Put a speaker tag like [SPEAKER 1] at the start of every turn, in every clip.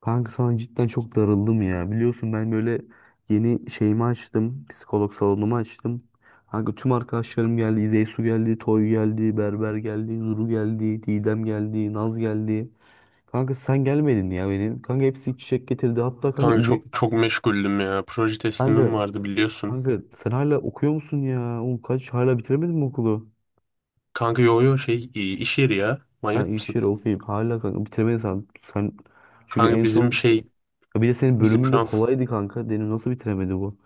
[SPEAKER 1] Kanka sana cidden çok darıldım ya. Biliyorsun ben böyle yeni şeyimi açtım. Psikolog salonumu açtım. Kanka tüm arkadaşlarım geldi. İzeysu geldi, Toy geldi, Berber geldi, Nuru geldi, Didem geldi, Naz geldi. Kanka sen gelmedin ya benim. Kanka hepsi çiçek getirdi. Hatta kanka
[SPEAKER 2] Kanka çok
[SPEAKER 1] İzey...
[SPEAKER 2] çok meşguldüm ya. Proje
[SPEAKER 1] Kanka,
[SPEAKER 2] teslimim vardı biliyorsun.
[SPEAKER 1] kanka, sen hala okuyor musun ya? Oğlum kaç hala bitiremedin mi okulu?
[SPEAKER 2] Kanka yo yo iş yeri ya.
[SPEAKER 1] Ha
[SPEAKER 2] Manyak
[SPEAKER 1] iş
[SPEAKER 2] mısın?
[SPEAKER 1] yeri okuyayım. Hala kanka bitiremedin sen. Sen çünkü
[SPEAKER 2] Kanka
[SPEAKER 1] en son...
[SPEAKER 2] bizim şey
[SPEAKER 1] Ya bir de senin
[SPEAKER 2] bizim
[SPEAKER 1] bölümün
[SPEAKER 2] şu
[SPEAKER 1] de
[SPEAKER 2] an f-
[SPEAKER 1] kolaydı kanka. Benim nasıl bitiremedi bu?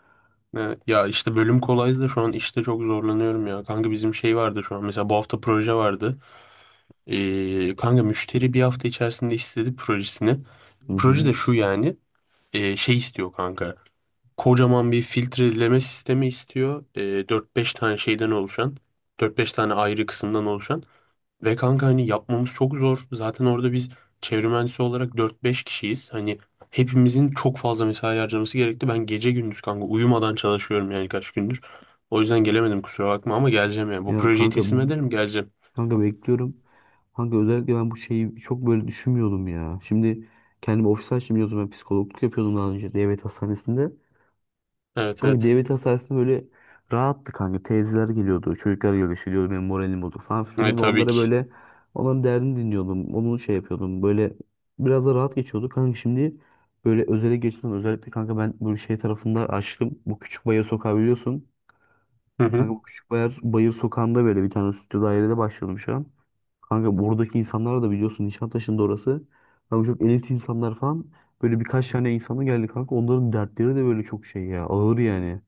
[SPEAKER 2] e, ya işte bölüm kolaydı da şu an işte çok zorlanıyorum ya. Kanka bizim şey vardı şu an mesela bu hafta proje vardı. Kanka müşteri bir hafta içerisinde istedi projesini.
[SPEAKER 1] Hı
[SPEAKER 2] Proje de
[SPEAKER 1] hı.
[SPEAKER 2] şu, yani şey istiyor kanka. Kocaman bir filtreleme sistemi istiyor. 4-5 tane şeyden oluşan. Dört beş tane ayrı kısımdan oluşan. Ve kanka hani yapmamız çok zor. Zaten orada biz çevre mühendisi olarak dört beş kişiyiz. Hani hepimizin çok fazla mesai harcaması gerekti. Ben gece gündüz kanka uyumadan çalışıyorum yani kaç gündür. O yüzden gelemedim, kusura bakma ama geleceğim yani. Bu
[SPEAKER 1] Ya
[SPEAKER 2] projeyi
[SPEAKER 1] kanka
[SPEAKER 2] teslim ederim, geleceğim.
[SPEAKER 1] bekliyorum. Kanka özellikle ben bu şeyi çok böyle düşünmüyordum ya. Şimdi kendimi ofis açtım, biliyorsun ben psikologluk yapıyordum daha önce devlet hastanesinde.
[SPEAKER 2] Evet,
[SPEAKER 1] Kanka
[SPEAKER 2] evet.
[SPEAKER 1] devlet hastanesinde böyle rahattı kanka. Teyzeler geliyordu, çocuklar görüşüyordu, benim moralim bozuk falan filan. Kanka
[SPEAKER 2] Tabii
[SPEAKER 1] onlara
[SPEAKER 2] ki.
[SPEAKER 1] böyle onların derdini dinliyordum. Onu şey yapıyordum. Böyle biraz da rahat geçiyordu. Kanka şimdi böyle özele geçtim. Özellikle kanka ben böyle şey tarafında açtım. Bu küçük bayır sokağı biliyorsun.
[SPEAKER 2] Hı hı.
[SPEAKER 1] Kanka bu küçük bayır, sokağında böyle bir tane stüdyo dairede başladım şu an. Kanka buradaki insanlar da biliyorsun, Nişantaşı'nda orası. Kanka çok elit insanlar falan. Böyle birkaç tane insana geldi kanka. Onların dertleri de böyle çok şey ya. Ağır yani.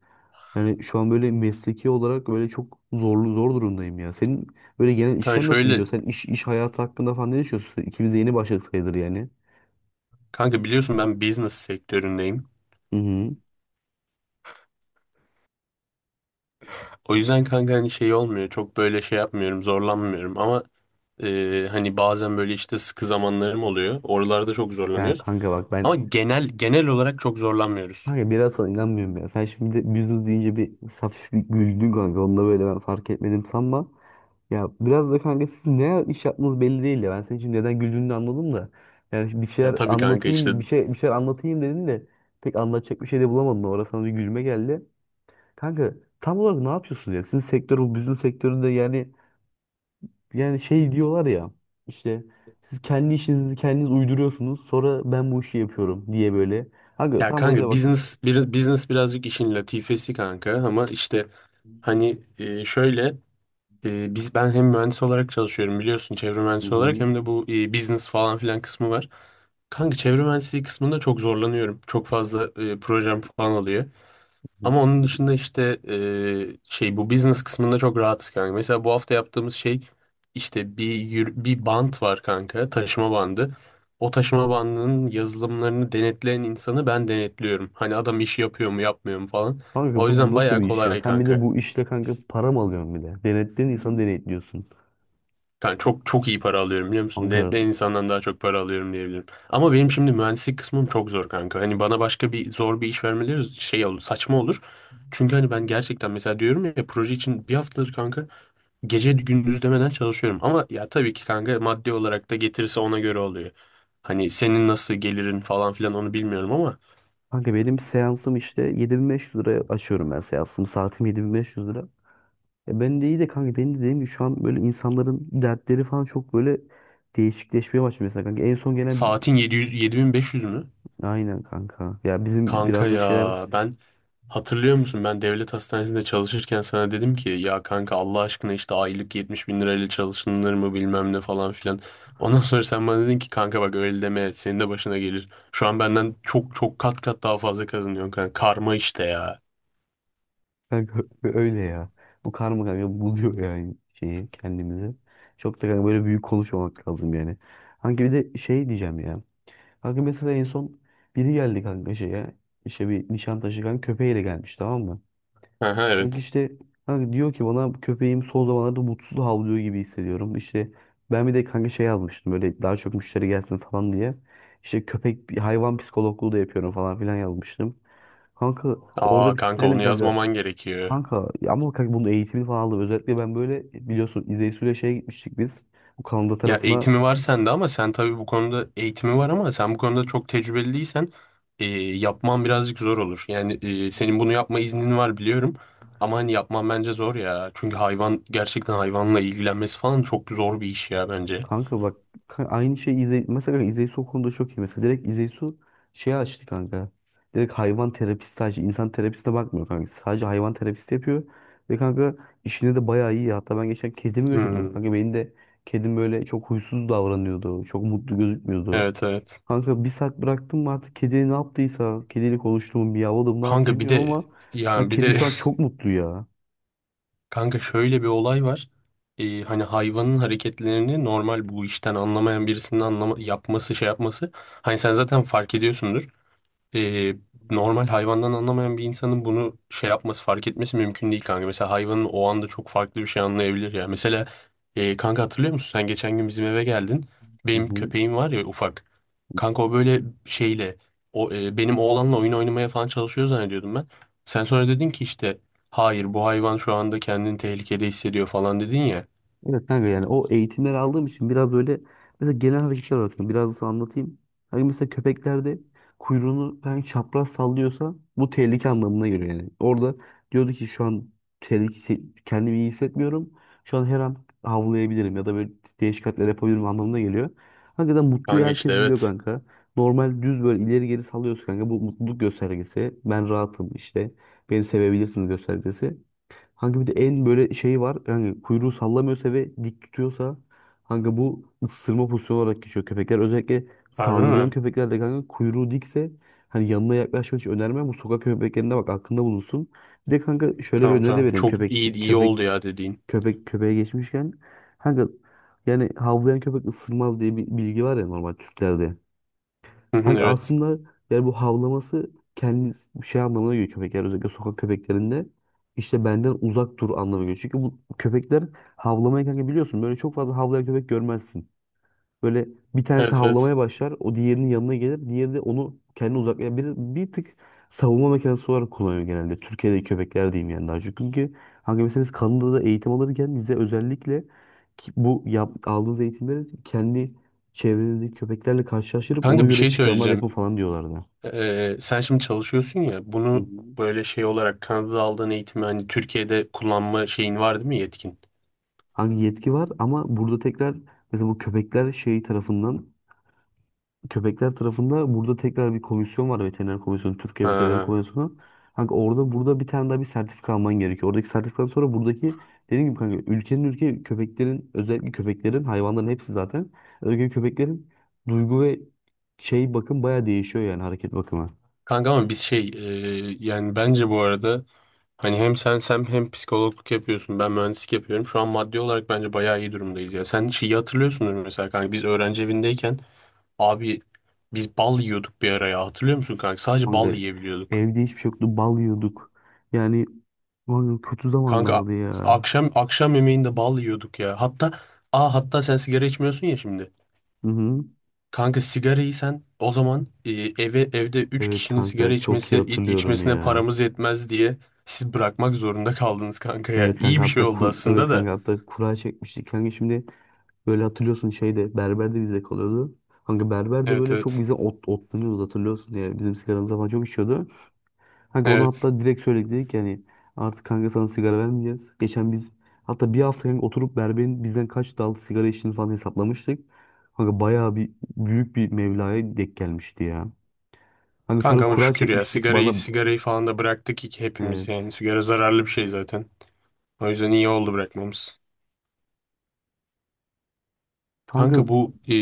[SPEAKER 1] Yani şu an böyle mesleki olarak böyle çok zorlu zor durumdayım ya. Senin böyle genel
[SPEAKER 2] Kanka
[SPEAKER 1] işler nasıl
[SPEAKER 2] şöyle,
[SPEAKER 1] gidiyor? Sen iş hayatı hakkında falan ne düşünüyorsun? İkimiz de yeni başladık sayılır yani.
[SPEAKER 2] kanka biliyorsun ben business sektöründeyim.
[SPEAKER 1] Hı hı.
[SPEAKER 2] O yüzden kanka hani şey olmuyor. Çok böyle şey yapmıyorum, zorlanmıyorum ama hani bazen böyle işte sıkı zamanlarım oluyor. Oralarda çok
[SPEAKER 1] Ya
[SPEAKER 2] zorlanıyoruz.
[SPEAKER 1] kanka bak ben.
[SPEAKER 2] Ama genel olarak çok zorlanmıyoruz.
[SPEAKER 1] Kanka biraz sana inanmıyorum ya. Sen şimdi de business deyince bir hafif bir güldün kanka. Onu da böyle ben fark etmedim sanma. Ya biraz da kanka siz ne iş yaptığınız belli değil ya. Ben senin için neden güldüğünü de anladım da. Yani şimdi bir
[SPEAKER 2] Ya
[SPEAKER 1] şeyler
[SPEAKER 2] tabii kanka işte,
[SPEAKER 1] anlatayım, bir şeyler anlatayım dedin de pek anlatacak bir şey de bulamadın. Orada sana bir gülme geldi. Kanka tam olarak ne yapıyorsun ya? Sizin sektör bu business sektöründe yani şey diyorlar ya. İşte siz kendi işinizi kendiniz uyduruyorsunuz. Sonra ben bu işi yapıyorum diye böyle. Kanka
[SPEAKER 2] ya
[SPEAKER 1] tam o yüzden
[SPEAKER 2] kanka
[SPEAKER 1] bak.
[SPEAKER 2] business birazcık işin latifesi kanka ama işte hani, şöyle, ben hem mühendis olarak çalışıyorum biliyorsun çevre
[SPEAKER 1] Hı
[SPEAKER 2] mühendisi olarak
[SPEAKER 1] hı.
[SPEAKER 2] hem de bu business falan filan kısmı var. Kanka çevre mühendisliği kısmında çok zorlanıyorum. Çok fazla projem falan alıyor. Ama onun dışında işte şey bu business kısmında çok rahatız kanka. Mesela bu hafta yaptığımız şey işte bir bant var kanka, taşıma bandı. O taşıma bandının yazılımlarını denetleyen insanı ben denetliyorum. Hani adam işi yapıyor mu, yapmıyor mu falan.
[SPEAKER 1] Kanka
[SPEAKER 2] O
[SPEAKER 1] bu
[SPEAKER 2] yüzden
[SPEAKER 1] nasıl
[SPEAKER 2] bayağı
[SPEAKER 1] bir iş ya?
[SPEAKER 2] kolay
[SPEAKER 1] Sen bir de
[SPEAKER 2] kanka.
[SPEAKER 1] bu işle kanka para mı alıyorsun bir de? Denetleyen insanı denetliyorsun.
[SPEAKER 2] Yani çok çok iyi para alıyorum biliyor musun?
[SPEAKER 1] Kanka,
[SPEAKER 2] Denetleyen insandan daha çok para alıyorum diyebilirim. Ama benim şimdi mühendislik kısmım çok zor kanka. Hani bana başka bir zor bir iş vermeleri şey olur, saçma olur. Çünkü hani ben gerçekten mesela diyorum ya, proje için bir haftadır kanka gece gündüz demeden çalışıyorum ama ya tabii ki kanka maddi olarak da getirirse ona göre oluyor. Hani senin nasıl gelirin falan filan onu bilmiyorum ama
[SPEAKER 1] kanka, benim seansım işte 7.500 liraya açıyorum ben seansımı. Saatim 7.500 lira. E ben de iyi de kanka, benim de dediğim gibi şu an böyle insanların dertleri falan çok böyle değişikleşmeye başladı mesela kanka. En son gelen bir...
[SPEAKER 2] saatin 700, 7500 mü?
[SPEAKER 1] Aynen kanka. Ya bizim
[SPEAKER 2] Kanka
[SPEAKER 1] biraz da şeyler
[SPEAKER 2] ya ben, hatırlıyor musun, ben devlet hastanesinde çalışırken sana dedim ki ya kanka Allah aşkına işte aylık 70 bin lirayla çalışılır mı bilmem ne falan filan. Ondan sonra sen bana dedin ki kanka bak, öyle deme, senin de başına gelir. Şu an benden çok çok kat kat daha fazla kazanıyorsun kanka. Karma işte ya.
[SPEAKER 1] kanka öyle ya. Bu karma kanka buluyor yani şeyi kendimizi. Çok da kanka böyle büyük konuşmamak lazım yani. Kanka bir de şey diyeceğim ya. Kanka mesela en son biri geldi kanka şeye. İşte bir Nişantaşı kanka köpeğiyle gelmiş, tamam mı?
[SPEAKER 2] Aha,
[SPEAKER 1] Kanka
[SPEAKER 2] evet.
[SPEAKER 1] işte kanka diyor ki bana, köpeğim son zamanlarda mutsuz havlıyor gibi hissediyorum. İşte ben bir de kanka şey yazmıştım böyle daha çok müşteri gelsin falan diye. İşte köpek hayvan psikologluğu da yapıyorum falan filan yazmıştım. Kanka orada
[SPEAKER 2] Aa
[SPEAKER 1] bir
[SPEAKER 2] kanka
[SPEAKER 1] kitlendim
[SPEAKER 2] onu
[SPEAKER 1] kanka.
[SPEAKER 2] yazmaman gerekiyor.
[SPEAKER 1] Kanka ya ama kanka bunun eğitimini falan aldım. Özellikle ben böyle biliyorsun İzeysu'yla şeye gitmiştik biz. Bu Kanada
[SPEAKER 2] Ya
[SPEAKER 1] tarafına.
[SPEAKER 2] eğitimi var sende ama sen tabii bu konuda eğitimi var ama sen bu konuda çok tecrübeli değilsen e, yapman birazcık zor olur. Yani senin bunu yapma iznin var biliyorum ama hani yapman bence zor ya. Çünkü hayvan gerçekten hayvanla ilgilenmesi falan çok zor bir iş ya bence.
[SPEAKER 1] Kanka bak aynı şey, İzey mesela, İzeysu o konuda çok iyi. Mesela direkt İzeysu şey açtı kanka. Direkt hayvan terapisti, sadece insan terapistine bakmıyor kanka. Sadece hayvan terapisti yapıyor. Ve kanka işine de bayağı iyi. Hatta ben geçen kedimi götürdüm.
[SPEAKER 2] Hmm,
[SPEAKER 1] Kanka benim de kedim böyle çok huysuz davranıyordu. Çok mutlu gözükmüyordu.
[SPEAKER 2] evet, evet.
[SPEAKER 1] Kanka bir saat bıraktım mı artık kedi ne yaptıysa. Kediyle konuştum, miyavladım, ne yaptı
[SPEAKER 2] Kanka bir
[SPEAKER 1] bilmiyorum
[SPEAKER 2] de,
[SPEAKER 1] ama lan
[SPEAKER 2] yani bir
[SPEAKER 1] kedi
[SPEAKER 2] de
[SPEAKER 1] şu an çok mutlu ya.
[SPEAKER 2] Kanka şöyle bir olay var. Hani hayvanın hareketlerini normal bu işten anlamayan birisinin yapması şey yapması. Hani sen zaten fark ediyorsundur, e, normal hayvandan anlamayan bir insanın bunu şey yapması, fark etmesi mümkün değil kanka. Mesela hayvanın o anda çok farklı bir şey anlayabilir ya. Mesela kanka hatırlıyor musun? Sen geçen gün bizim eve geldin.
[SPEAKER 1] Hı
[SPEAKER 2] Benim
[SPEAKER 1] hı.
[SPEAKER 2] köpeğim var ya, ufak. Kanka o böyle şeyle, o, benim oğlanla oyun oynamaya falan çalışıyor zannediyordum ben. Sen sonra dedin ki işte hayır, bu hayvan şu anda kendini tehlikede hissediyor falan dedin ya.
[SPEAKER 1] Evet kanka, yani o eğitimleri aldığım için biraz böyle mesela genel hareketler olarak biraz nasıl anlatayım. Hani mesela köpeklerde kuyruğunu ben çapraz sallıyorsa bu tehlike anlamına geliyor yani. Orada diyordu ki şu an tehlike, kendimi iyi hissetmiyorum. Şu an her an havlayabilirim ya da böyle değişik hareketler yapabilirim anlamına geliyor. Hakikaten mutluyu
[SPEAKER 2] Kanka işte
[SPEAKER 1] herkes biliyor
[SPEAKER 2] evet.
[SPEAKER 1] kanka. Normal düz böyle ileri geri sallıyorsa kanka bu mutluluk göstergesi. Ben rahatım işte. Beni sevebilirsiniz göstergesi. Hangi bir de en böyle şey var. Yani kuyruğu sallamıyorsa ve dik tutuyorsa hangi bu ısırma pozisyonu olarak geçiyor köpekler. Özellikle
[SPEAKER 2] Harbi
[SPEAKER 1] saldırgan
[SPEAKER 2] mi?
[SPEAKER 1] köpeklerde kanka kuyruğu dikse hani yanına yaklaşmak hiç önermem. Bu sokak köpeklerine bak, aklında bulunsun. Bir de kanka şöyle bir
[SPEAKER 2] Tamam,
[SPEAKER 1] öneri de
[SPEAKER 2] tamam.
[SPEAKER 1] vereyim.
[SPEAKER 2] Çok
[SPEAKER 1] Köpek
[SPEAKER 2] iyi
[SPEAKER 1] dik-
[SPEAKER 2] iyi oldu
[SPEAKER 1] köpek
[SPEAKER 2] ya dediğin.
[SPEAKER 1] köpeğe geçmişken kanka yani havlayan köpek ısırmaz diye bir bilgi var ya normal Türklerde.
[SPEAKER 2] Hı hı,
[SPEAKER 1] Kanka
[SPEAKER 2] evet.
[SPEAKER 1] aslında yani bu havlaması kendi şey anlamına geliyor, köpekler özellikle sokak köpeklerinde işte benden uzak dur anlamına geliyor. Çünkü bu köpekler havlamayı kanka biliyorsun böyle çok fazla havlayan köpek görmezsin. Böyle bir tanesi
[SPEAKER 2] Evet, evet.
[SPEAKER 1] havlamaya başlar. O diğerinin yanına gelir. Diğeri de onu kendine uzaklayar. Bir, tık savunma mekanizması olarak kullanıyor genelde. Türkiye'deki köpekler diyeyim yani daha çok. Çünkü hangi mesela biz Kanada'da eğitim alırken bize özellikle ki bu yap, aldığınız eğitimleri kendi çevrenizdeki köpeklerle karşılaştırıp ona
[SPEAKER 2] Kanka bir
[SPEAKER 1] göre
[SPEAKER 2] şey
[SPEAKER 1] çıkarma depo
[SPEAKER 2] söyleyeceğim.
[SPEAKER 1] falan diyorlardı.
[SPEAKER 2] Sen şimdi çalışıyorsun ya,
[SPEAKER 1] Hı
[SPEAKER 2] bunu
[SPEAKER 1] hı.
[SPEAKER 2] böyle şey olarak Kanada'da aldığın eğitimi hani Türkiye'de kullanma şeyin var değil mi, yetkin?
[SPEAKER 1] Hangi yetki var ama burada tekrar mesela bu köpekler şey tarafından, köpekler tarafında burada tekrar bir komisyon var, veteriner komisyonu, Türkiye Veteriner
[SPEAKER 2] Ha.
[SPEAKER 1] Komisyonu. Kanka orada, burada bir tane daha bir sertifika alman gerekiyor. Oradaki sertifikadan sonra buradaki dediğim gibi kanka ülkenin köpeklerin, özellikle köpeklerin, hayvanların hepsi zaten özellikle köpeklerin duygu ve şey bakım baya değişiyor yani hareket bakımı.
[SPEAKER 2] Kanka ama biz şey, yani bence bu arada hani hem sen hem psikologluk yapıyorsun. Ben mühendislik yapıyorum. Şu an maddi olarak bence bayağı iyi durumdayız ya. Sen şeyi hatırlıyorsundur mesela kanka. Biz öğrenci evindeyken abi bal yiyorduk bir araya. Hatırlıyor musun kanka? Sadece
[SPEAKER 1] Kanka
[SPEAKER 2] bal yiyebiliyorduk.
[SPEAKER 1] evde hiçbir şey yoktu, bal yiyorduk. Yani kanka kötü
[SPEAKER 2] Kanka
[SPEAKER 1] zamanlardı ya.
[SPEAKER 2] akşam, akşam yemeğinde bal yiyorduk ya. Hatta aa hatta sen sigara içmiyorsun ya şimdi.
[SPEAKER 1] Hı hı.
[SPEAKER 2] Kanka sigarayı sen o zaman, evde 3
[SPEAKER 1] Evet
[SPEAKER 2] kişinin sigara
[SPEAKER 1] kanka çok iyi
[SPEAKER 2] içmesi,
[SPEAKER 1] hatırlıyorum
[SPEAKER 2] içmesine
[SPEAKER 1] ya.
[SPEAKER 2] paramız yetmez diye siz bırakmak zorunda kaldınız kanka yani.
[SPEAKER 1] Evet kanka
[SPEAKER 2] İyi bir şey
[SPEAKER 1] hatta
[SPEAKER 2] oldu
[SPEAKER 1] evet
[SPEAKER 2] aslında da.
[SPEAKER 1] kanka hatta kura çekmiştik kanka, şimdi böyle hatırlıyorsun şeyde, berber de bizde kalıyordu. Kanka berber de
[SPEAKER 2] Evet,
[SPEAKER 1] böyle çok
[SPEAKER 2] evet.
[SPEAKER 1] bize otlanıyordu, hatırlıyorsun ya bizim sigaramıza falan çok içiyordu. Kanka onu
[SPEAKER 2] Evet.
[SPEAKER 1] hatta direkt söyledik, dedik ki yani artık kanka sana sigara vermeyeceğiz. Geçen biz hatta bir hafta kanka oturup berberin bizden kaç dal sigara içtiğini falan hesaplamıştık. Kanka bayağı bir büyük bir mevlaya denk gelmişti ya. Kanka
[SPEAKER 2] Kanka
[SPEAKER 1] sonra
[SPEAKER 2] ama
[SPEAKER 1] kura
[SPEAKER 2] şükür ya,
[SPEAKER 1] çekmiştik
[SPEAKER 2] sigarayı
[SPEAKER 1] bana,
[SPEAKER 2] sigarayı falan da bıraktık ki hepimiz,
[SPEAKER 1] evet.
[SPEAKER 2] yani sigara zararlı bir şey zaten. O yüzden iyi oldu bırakmamız.
[SPEAKER 1] Kanka.
[SPEAKER 2] Kanka bu,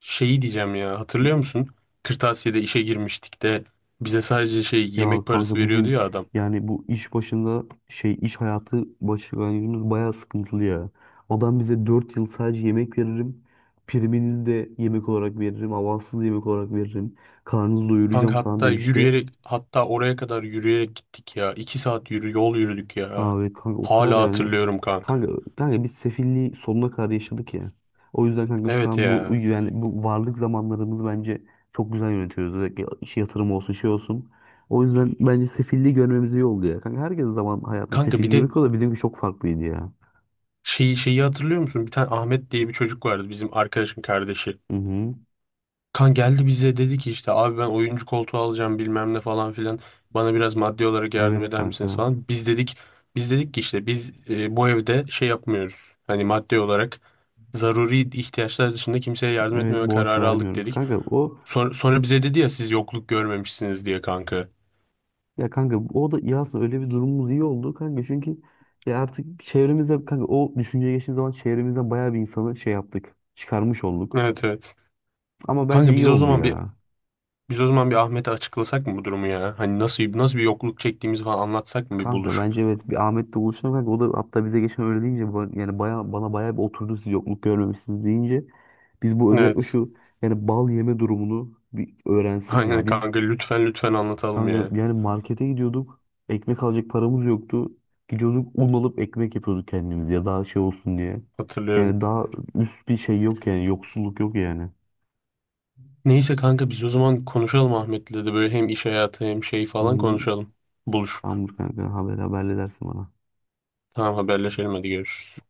[SPEAKER 2] şeyi diyeceğim ya, hatırlıyor musun? Kırtasiye'de işe girmiştik de bize sadece şey
[SPEAKER 1] Ya
[SPEAKER 2] yemek parası
[SPEAKER 1] kanka
[SPEAKER 2] veriyordu
[SPEAKER 1] bizim
[SPEAKER 2] ya adam.
[SPEAKER 1] yani bu iş başında şey, iş hayatı başlangıcımız bayağı sıkıntılı ya. Adam bize 4 yıl sadece yemek veririm. Priminizi de yemek olarak veririm. Avanssız yemek olarak veririm. Karnınızı doyuracağım
[SPEAKER 2] Kanka
[SPEAKER 1] falan
[SPEAKER 2] hatta,
[SPEAKER 1] demişti.
[SPEAKER 2] yürüyerek hatta oraya kadar yürüyerek gittik ya. İki saat yol yürüdük ya.
[SPEAKER 1] Abi kanka o kadar
[SPEAKER 2] Hala
[SPEAKER 1] yani
[SPEAKER 2] hatırlıyorum kanka.
[SPEAKER 1] kanka kanka biz sefilliği sonuna kadar yaşadık ya. O yüzden kanka şu
[SPEAKER 2] Evet
[SPEAKER 1] an bu
[SPEAKER 2] ya.
[SPEAKER 1] yani bu varlık zamanlarımız bence çok güzel yönetiyoruz. Özellikle iş yatırım olsun, şey olsun. O yüzden bence sefilliği görmemiz iyi oldu ya. Kanka herkes zaman hayatta
[SPEAKER 2] Kanka
[SPEAKER 1] sefil
[SPEAKER 2] bir de
[SPEAKER 1] görüyor da bizimki çok farklıydı ya.
[SPEAKER 2] şeyi hatırlıyor musun? Bir tane Ahmet diye bir çocuk vardı, bizim arkadaşın kardeşi.
[SPEAKER 1] Hı hı.
[SPEAKER 2] Kan geldi bize dedi ki işte abi ben oyuncu koltuğu alacağım bilmem ne falan filan. Bana biraz maddi olarak yardım
[SPEAKER 1] Evet
[SPEAKER 2] eder misiniz
[SPEAKER 1] kanka.
[SPEAKER 2] falan? Biz dedik ki işte biz, bu evde şey yapmıyoruz. Hani maddi olarak zaruri ihtiyaçlar dışında kimseye yardım
[SPEAKER 1] Evet
[SPEAKER 2] etmeme
[SPEAKER 1] borç
[SPEAKER 2] kararı aldık
[SPEAKER 1] vermiyoruz.
[SPEAKER 2] dedik.
[SPEAKER 1] Kanka o.
[SPEAKER 2] Sonra bize dedi ya siz yokluk görmemişsiniz diye kanka.
[SPEAKER 1] Ya kanka o da iyi aslında, öyle bir durumumuz iyi oldu kanka çünkü ya artık çevremizde kanka o düşünceye geçtiğim zaman çevremizden bayağı bir insanı şey yaptık, çıkarmış olduk.
[SPEAKER 2] Evet, evet.
[SPEAKER 1] Ama bence
[SPEAKER 2] Kanka
[SPEAKER 1] iyi oldu ya.
[SPEAKER 2] biz o zaman bir Ahmet'e açıklasak mı bu durumu ya? Hani nasıl bir yokluk çektiğimizi falan anlatsak mı bir
[SPEAKER 1] Kanka
[SPEAKER 2] buluşup?
[SPEAKER 1] bence evet bir Ahmet'le buluşalım kanka, o da hatta bize geçen öyle deyince yani baya, bana bayağı bir oturdu siz yokluk görmemişsiniz deyince. Biz bu özellikle
[SPEAKER 2] Evet.
[SPEAKER 1] şu yani bal yeme durumunu bir öğrensin ya.
[SPEAKER 2] Aynen
[SPEAKER 1] Biz.
[SPEAKER 2] kanka lütfen, lütfen anlatalım ya.
[SPEAKER 1] Kanka yani markete gidiyorduk. Ekmek alacak paramız yoktu. Gidiyorduk un alıp ekmek yapıyorduk kendimiz ya daha şey olsun diye.
[SPEAKER 2] Hatırlıyorum.
[SPEAKER 1] Yani daha üst bir şey yok yani, yoksulluk yok yani.
[SPEAKER 2] Neyse kanka biz o zaman konuşalım Ahmet'le de böyle hem iş hayatı hem şey falan
[SPEAKER 1] Hı,
[SPEAKER 2] konuşalım. Buluşup.
[SPEAKER 1] tamamdır kanka, haberle dersin bana.
[SPEAKER 2] Tamam, haberleşelim, hadi görüşürüz.